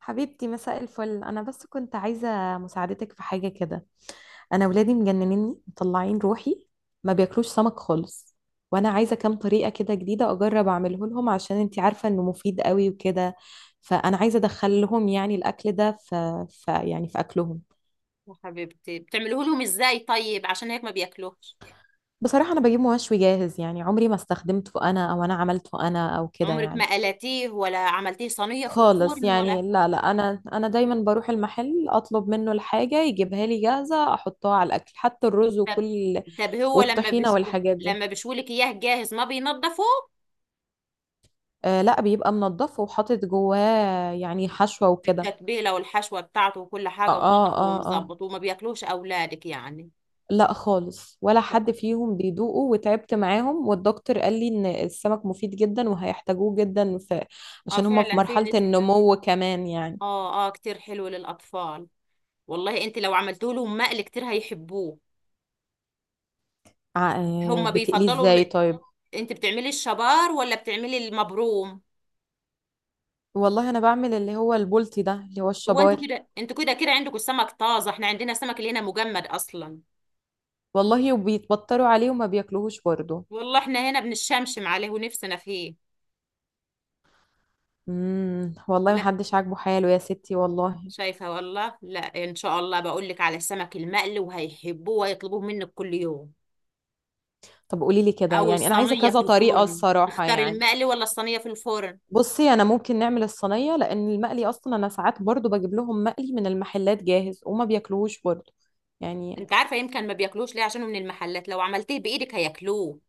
حبيبتي، مساء الفل. انا بس كنت عايزه مساعدتك في حاجه كده. انا ولادي مجننني مطلعين روحي، ما بياكلوش سمك خالص. وانا عايزه كام طريقه كده جديده اجرب اعمله لهم، عشان انتي عارفه انه مفيد قوي وكده. فانا عايزه ادخل لهم يعني الاكل ده في يعني في اكلهم. يا حبيبتي، بتعملوه لهم ازاي؟ طيب عشان هيك ما بياكلوش. بصراحه انا بجيب مشوي جاهز، يعني عمري ما استخدمته انا او انا عملته انا او كده عمرك ما يعني. قلتيه ولا عملتيه صينية في خالص الفرن ولا يعني. لا، لا، انا دايما بروح المحل اطلب منه الحاجه يجيبها لي جاهزه احطها على الاكل حتى الرز طب وكل. طب هو لما والطحينه بيشوي، والحاجات دي. لما بيشويلك اياه جاهز ما بينضفوه آه، لا، بيبقى منضف وحاطط جواه يعني حشوه وكده. بالتتبيلة والحشوة بتاعته وكل اه، حاجة، اه، ومنضفه اه، آه. ومظبط وما بياكلوش اولادك يعني؟ لا خالص، ولا حد فيهم بيدوقه، وتعبت معاهم. والدكتور قال لي ان السمك مفيد جدا وهيحتاجوه جدا في، اه عشان هما في فعلا في مرحله نسبة، النمو كمان يعني. اه اه كتير حلو للاطفال. والله انت لو عملتوا لهم مقلي كتير هيحبوه. آه، هم بتقليه بيفضلوا ازاي طيب؟ انت بتعملي الشبار ولا بتعملي المبروم؟ والله انا بعمل اللي هو البولتي ده اللي هو هو انتوا الشبار. كده، انتوا كده عندكم السمك طازه، احنا عندنا السمك اللي هنا مجمد اصلا. والله وبيتبطروا عليه وما بياكلوهوش برضه. والله احنا هنا بنشمشم عليه ونفسنا فيه. والله لا، محدش عاجبه حاله يا ستي والله. شايفه والله؟ لا ان شاء الله، بقول لك على السمك المقلي وهيحبوه وهيطلبوه منك كل يوم. طب قولي لي كده، او يعني انا عايزه الصينيه كذا في طريقه الفرن، الصراحه تختار يعني. المقلي ولا الصينيه في الفرن؟ بصي، انا ممكن نعمل الصينيه لان المقلي اصلا انا ساعات برضه بجيب لهم مقلي من المحلات جاهز وما بياكلوهوش برضه يعني. انت عارفه يمكن ما بياكلوش ليه؟ عشان هو من المحلات، لو عملتيه بايدك هياكلوه.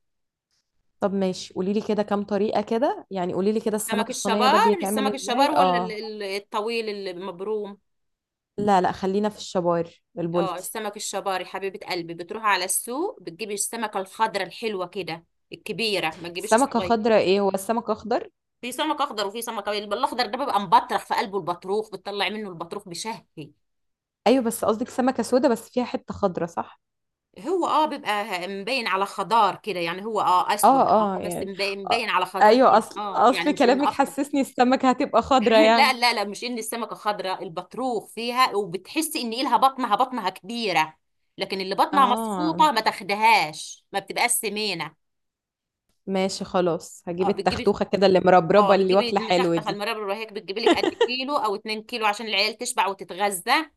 طب ماشي، قولي لي كده كام طريقه كده، يعني قولي لي كده السمك سمك الصينيه ده الشبار، بيتعمل السمك الشبار ازاي؟ ولا اه. الطويل المبروم؟ لا، لا، خلينا في الشبار، اه البلطي. السمك الشباري حبيبة قلبي، بتروح على السوق، بتجيبي السمكة الخضرة الحلوة كده، الكبيرة، ما تجيبيش السمكه الصغير. خضراء؟ ايه، هو السمك اخضر؟ في سمك أخضر وفي سمك أبيض، الأخضر ده بيبقى مبطرخ في قلبه، البطروخ بتطلع منه، البطروخ بشهي. ايوه، بس قصدك سمكه سودا بس فيها حته خضراء، صح؟ هو اه بيبقى مبين على خضار كده يعني، هو اه اه، أسود، اه، اه بس يعني. مبين آه. على خضار ايوه، كده اصل اه، يعني اصل مش إنه كلامك أخضر. حسسني السمكة هتبقى خضرة لا يعني. لا لا مش إن السمكة خضراء، البطروخ فيها، وبتحسي إن إلها بطنها كبيرة. لكن اللي بطنها مصفوطة اه ما تاخدهاش، ما بتبقاش سمينة. ماشي، خلاص هجيب اه بتجيبي، التختوخة كده اللي اه مربربة اللي واكلة بتجيبي حلوة تخته دي. المربى الرهيق، بتجيبي لك قد كيلو او 2 كيلو عشان العيال تشبع وتتغذى.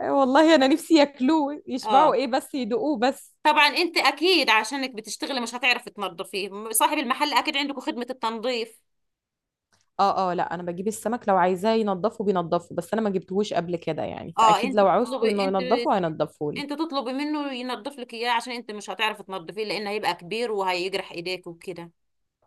آه والله انا نفسي ياكلوه يشبعوا، اه ايه بس يدوقوه بس. طبعا انت اكيد، عشانك بتشتغلي مش هتعرفي تنظفيه، صاحب المحل اكيد عندكم خدمة التنظيف. اه، اه، لا انا بجيب السمك لو عايزاه ينضفه بينضفه، بس انا ما جبتهوش قبل كده، يعني اه فاكيد انت لو عوزته بتطلبي انه انت، ينضفه هينضفه لي. انت تطلبي منه ينظف لك اياه، عشان انت مش هتعرفي تنظفيه لان هيبقى كبير وهيجرح ايديك وكده.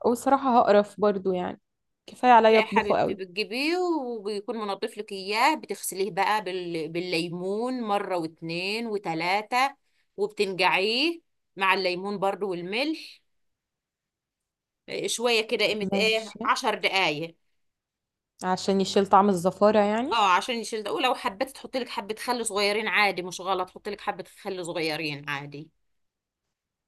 وصراحة هقرف برضو يعني، كفاية لا عليا يا اطبخه حبيبتي، قوي. بتجيبيه وبيكون منظف لك اياه، بتغسليه بقى بالليمون مرة واتنين وتلاتة، وبتنقعيه مع الليمون برضو والملح شويه كده، قيمه ايه، ماشي. عشر دقايق. عشان يشيل طعم الزفارة يعني. اه عشان يشيل ده، ولو حبيت تحط لك حبه خل صغيرين عادي مش غلط، حط لك حبه خل صغيرين عادي.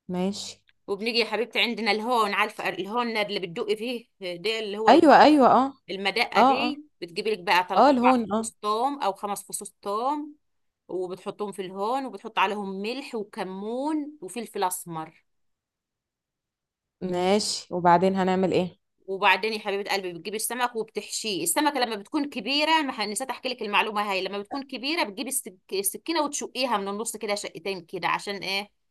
ماشي. وبنيجي يا حبيبتي عندنا الهون، عارفه الهون اللي بتدقي فيه ده، اللي هو ايوه، ايوه، اه. المدقه اه، اه، دي، بتجيبي لك بقى اه، 3 4 الهون، اه. فصوص توم او خمس فصوص توم، وبتحطهم في الهون وبتحط عليهم ملح وكمون وفلفل اسمر. ماشي، وبعدين هنعمل ايه؟ وبعدين يا حبيبة قلبي بتجيبي السمك وبتحشيه، السمكة لما بتكون كبيرة ما نسيت احكي لك المعلومة هاي، لما بتكون كبيرة بتجيبي السكينة وتشقيها من النص كده شقتين كده، عشان ايه؟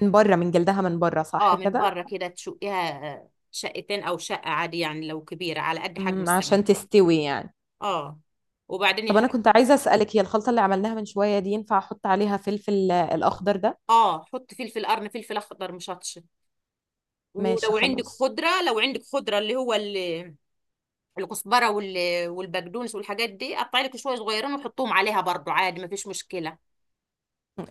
من بره، من جلدها، من بره، صح اه من كده. بره كده تشقيها، شقتين او شقة عادي يعني لو كبيرة على قد حجم السمك. عشان تستوي يعني. اه وبعدين يا طب انا حبيبة، كنت عايزه اسالك، هي الخلطه اللي عملناها من شويه دي ينفع احط عليها فلفل، آه، الاخضر ده؟ اه حط فلفل، قرن فلفل اخضر مشطشط. ماشي ولو عندك خلاص. خضرة، لو عندك خضرة اللي هو الكزبرة والبقدونس والحاجات دي، قطعي لك شوية صغيرين وحطهم عليها برضو عادي، ما فيش مشكلة.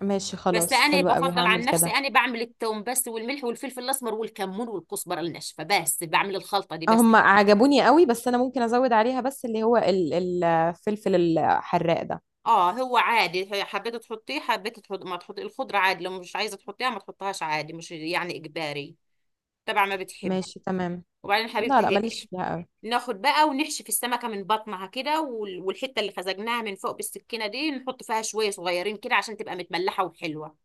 ماشي بس خلاص، انا حلو قوي، بفضل هعمل عن نفسي، كده. انا بعمل التوم بس، والملح والفلفل الاسمر والكمون والكزبره الناشفه بس، بعمل الخلطه دي آه، بس. هم عجبوني قوي، بس انا ممكن ازود عليها بس اللي هو الفلفل الحراق ده. اه هو عادي، حبيت تحطيه، حبيت تحط ما تحطي الخضره عادي، لو مش عايزه تحطيها ما تحطهاش عادي، مش يعني اجباري، تبع ما بتحب. ماشي تمام. وبعدين لا، حبيبتي لا، هيك ماليش فيها قوي. ناخد بقى ونحشي في السمكه من بطنها كده، والحته اللي خزجناها من فوق بالسكينه دي نحط فيها شويه صغيرين كده عشان تبقى متملحه وحلوه.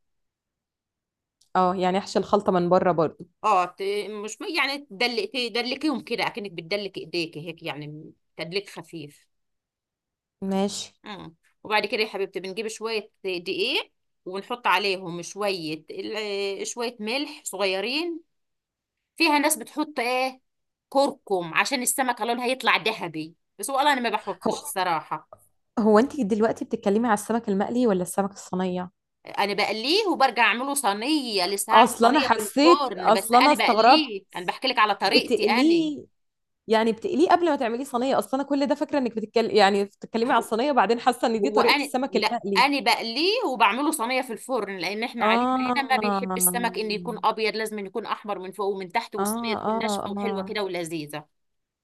اه يعني احشي الخلطه من بره برضو. اه مش يعني تدلقي، تدلكيهم كده اكنك بتدلك ايديك هيك، يعني تدليك خفيف. ماشي. اه وبعد كده يا حبيبتي بنجيب شوية دقيق ونحط عليهم شوية شوية ملح صغيرين. فيها ناس بتحط ايه كركم عشان السمكة لونها يطلع ذهبي، بس والله انا ما بحطش هو الصراحة. هو انت دلوقتي بتتكلمي على السمك المقلي ولا السمك الصينية؟ انا بقليه وبرجع اعمله صينية، لسه هعمل اصلا انا صينية في حسيت، الفرن، بس اصلا انا انا استغربت. بقليه، انا بحكي لك على طريقتي انا. بتقليه؟ يعني بتقليه قبل ما تعمليه صينية؟ اصلا انا كل ده فاكرة انك بتتكلم يعني بتتكلمي على الصينية، وبعدين حاسة ان دي هو طريقة انا السمك لا، المقلي. انا بقليه وبعمله صينيه في الفرن، لان احنا عائلتنا اه، هنا ما اه، بيحب السمك ان يكون ابيض، لازم إن يكون احمر من فوق ومن تحت، والصينيه اه، تكون اه. ناشفه وحلوه كده ولذيذه.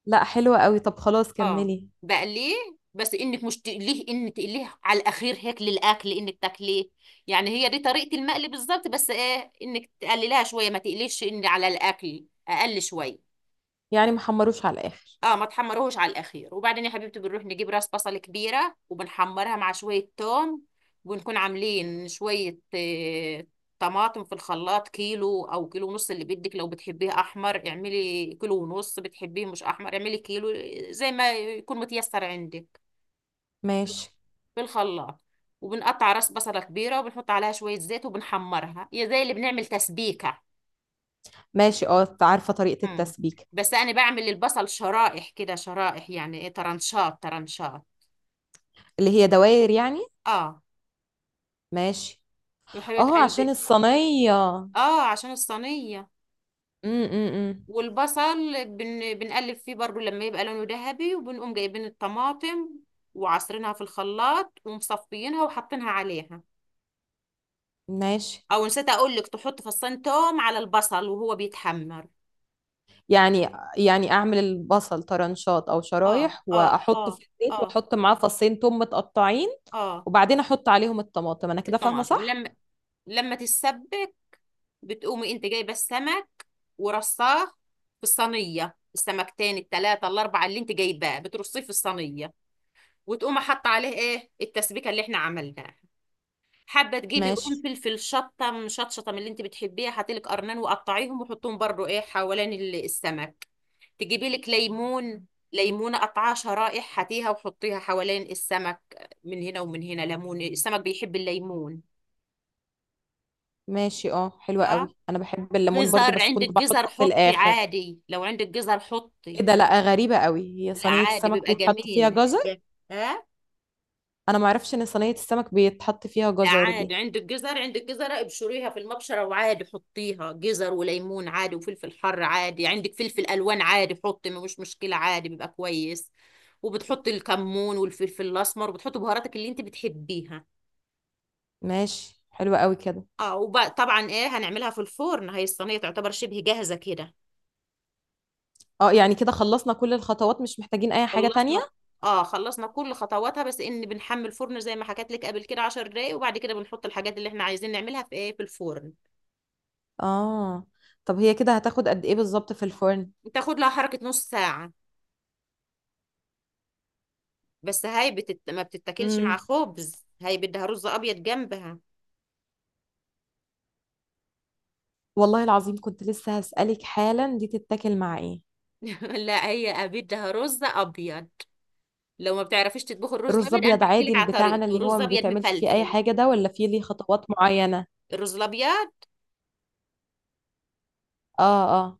لا حلوة قوي، طب خلاص اه كملي. بقليه، بس انك مش تقليه ان تقليه على الاخير هيك للاكل انك تاكليه، يعني هي دي طريقه المقلي بالظبط، بس ايه انك تقللها شويه، ما تقليش ان على الاكل، اقل شويه. يعني محمروش على الاخر. اه ما تحمروهوش على الاخير. وبعدين يا حبيبتي بنروح نجيب راس بصل كبيره وبنحمرها مع شويه توم، وبنكون عاملين شويه طماطم في الخلاط، كيلو او كيلو ونص اللي بدك، لو بتحبيه احمر اعملي كيلو ونص، بتحبيه مش احمر اعملي كيلو، زي ما يكون متيسر عندك، ماشي. في الخلاط. وبنقطع راس بصلة كبيرة وبنحط عليها شوية زيت وبنحمرها، هي زي اللي بنعمل تسبيكة. ماشي، اه عارفة طريقة مم. التسبيك. بس أنا بعمل البصل شرائح كده، شرائح يعني إيه، ترنشات ترنشات. اللي هي دوائر يعني. اه ماشي. وحلوة اه عشان قلب. الصينية، امم. اه عشان الصينية. إمم، إمم. والبصل بنقلب فيه برضو لما يبقى لونه ذهبي، وبنقوم جايبين الطماطم وعصرينها في الخلاط ومصفيينها وحاطينها عليها. ماشي. او نسيت اقول لك تحط فصين توم على البصل وهو بيتحمر. يعني، يعني اعمل البصل طرنشات او اه شرايح اه اه واحطه في الزيت اه واحط معاه فصين توم متقطعين، اه. وبعدين احط عليهم الطماطم، انا كده فاهمة الطماطم صح؟ لما، لما تتسبك بتقومي انت جايبه السمك ورصاه في الصينيه، السمكتين التلاتة الاربعه اللي انت جايباه بترصيه في الصينيه، وتقوم حاطه عليه ايه، التسبيكه اللي احنا عملناها. حابه تجيبي ماشي. قرنفل، فلفل شطه من شطشطه، من اللي انت بتحبيها حطي لك قرنان وقطعيهم وحطهم برضو ايه حوالين السمك. تجيبي لك ليمون، ليمونه قطعها شرائح هاتيها وحطيها حوالين السمك من هنا ومن هنا، ليمون، السمك بيحب الليمون. ماشي، اه حلوة اه قوي، انا بحب الليمون برضو جزر، بس عندك كنت جزر بحطه في حطي الاخر. عادي، لو عندك جزر حطي. ايه ده، لا غريبة قوي، هي لا صينية عادي السمك بيبقى بيتحط فيها جميل. جزر؟ ها انا ما اعرفش ان صينية السمك بيتحط فيها لا جزر عادي، دي. عندك جزر، عندك جزر ابشريها في المبشرة وعادي حطيها، جزر وليمون عادي، وفلفل حر عادي، عندك فلفل ألوان عادي حطي، مش مشكلة، عادي بيبقى كويس. وبتحطي الكمون والفلفل الأسمر وبتحطي بهاراتك اللي انت بتحبيها. ماشي حلوة قوي كده. اه وطبعا ايه، هنعملها في الفرن، هي الصينية تعتبر شبه جاهزة كده. اه يعني كده خلصنا كل الخطوات، مش محتاجين اي حاجة تانية؟ خلصنا، اه خلصنا كل خطواتها، بس ان بنحمي الفرن زي ما حكيت لك قبل كده 10 دقايق، وبعد كده بنحط الحاجات اللي احنا عايزين نعملها في ايه، في الفرن. اه، طب هي كده هتاخد قد ايه بالظبط في الفرن؟ تاخد لها حركة نص ساعة، بس هاي ما بتتاكلش مع امم خبز، هاي بدها رز ابيض جنبها. والله العظيم كنت لسه هسألك حالا دي تتاكل مع ايه. لا هي بدها رز ابيض، لو ما بتعرفيش تطبخي الرز رز الابيض انا ابيض بحكي عادي لك اللي على بتاعنا طريقته، اللي هو رز ما ابيض بيتعملش فيه اي مفلفل. حاجه ده، ولا فيه ليه خطوات معينه؟ الرز الابيض اه، اه.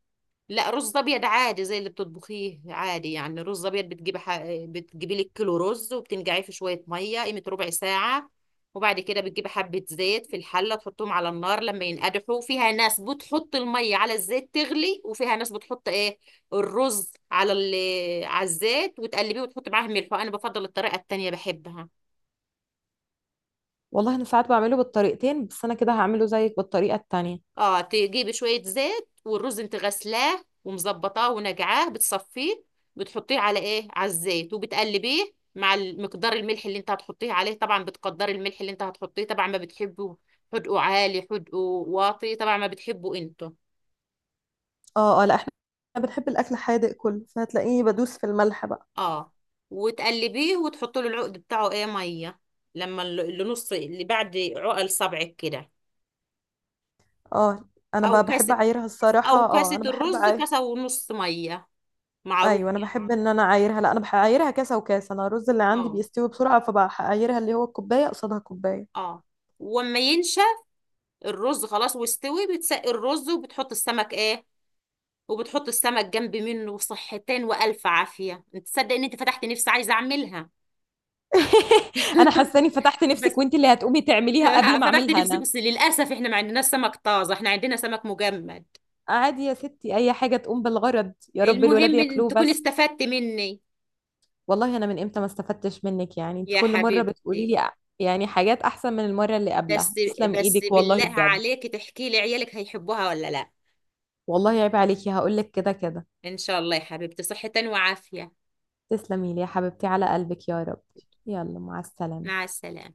لا رز ابيض عادي زي اللي بتطبخيه عادي، يعني رز ابيض، بتجيبي بتجيبي لك كيلو رز وبتنقعيه في شويه ميه، قيمه ربع ساعه. وبعد كده بتجيبي حبه زيت في الحله تحطهم على النار لما ينقدحوا، فيها ناس بتحط الميه على الزيت تغلي، وفيها ناس بتحط ايه الرز على على الزيت وتقلبيه وتحط معاه ملح، وانا بفضل الطريقه التانيه بحبها. والله انا ساعات بعمله بالطريقتين، بس انا كده هعمله زيك بالطريقه التانية. اه تجيبي شوية زيت، والرز انت غسلاه ومظبطاه ونقعاه بتصفيه، بتحطيه على ايه، على الزيت وبتقلبيه مع مقدار الملح اللي انت هتحطيه عليه، طبعا بتقدري الملح اللي انت هتحطيه طبعا، ما بتحبه حدقه عالي حدقه واطي، طبعا ما بتحبه انتوا. اه، اه، لا احنا بنحب الاكل حادق كله، فهتلاقيني بدوس في الملح بقى. اه وتقلبيه وتحطي له العقد بتاعه ايه، ميه، لما اللي نص اللي بعد عقل صبعك كده، اه انا او بقى بحب كاسة، اعايرها الصراحه، او اه كاسة انا بحب الرز عاير. كاسة ونص ميه، معروف ايوه انا يعني. بحب ان انا اعايرها، لا انا بعايرها كاسه وكاسه، انا الرز اللي عندي اه بيستوي بسرعه فبعايرها اللي هو الكوبايه قصادها كوبايه. اه وما ينشف الرز خلاص واستوي، بتسقي الرز وبتحط السمك ايه، وبتحط السمك جنب منه، صحتين والف عافيه، انت تصدق ان انت فتحت نفسي عايزه اعملها؟ انا حاسه اني فتحت بس. نفسك وانت اللي هتقومي تعمليها قبل ما فتحت اعملها نفسي، انا. بس للاسف احنا ما عندناش سمك طازه، احنا عندنا سمك مجمد. عادي يا ستي، اي حاجه تقوم بالغرض يا رب الولاد المهم ان ياكلوه تكون بس. استفدت مني والله انا من امتى ما استفدتش منك يعني، انت يا كل مره بتقولي حبيبتي. لي يعني حاجات احسن من المره اللي بس قبلها، تسلم بس ايدك والله بالله بجد. عليك تحكي لي عيالك هيحبوها ولا لا. والله عيب عليكي، هقول لك كده كده. ان شاء الله يا حبيبتي، صحة وعافية. تسلمي لي يا حبيبتي على قلبك يا رب. يلا مع مع السلامه. السلامة.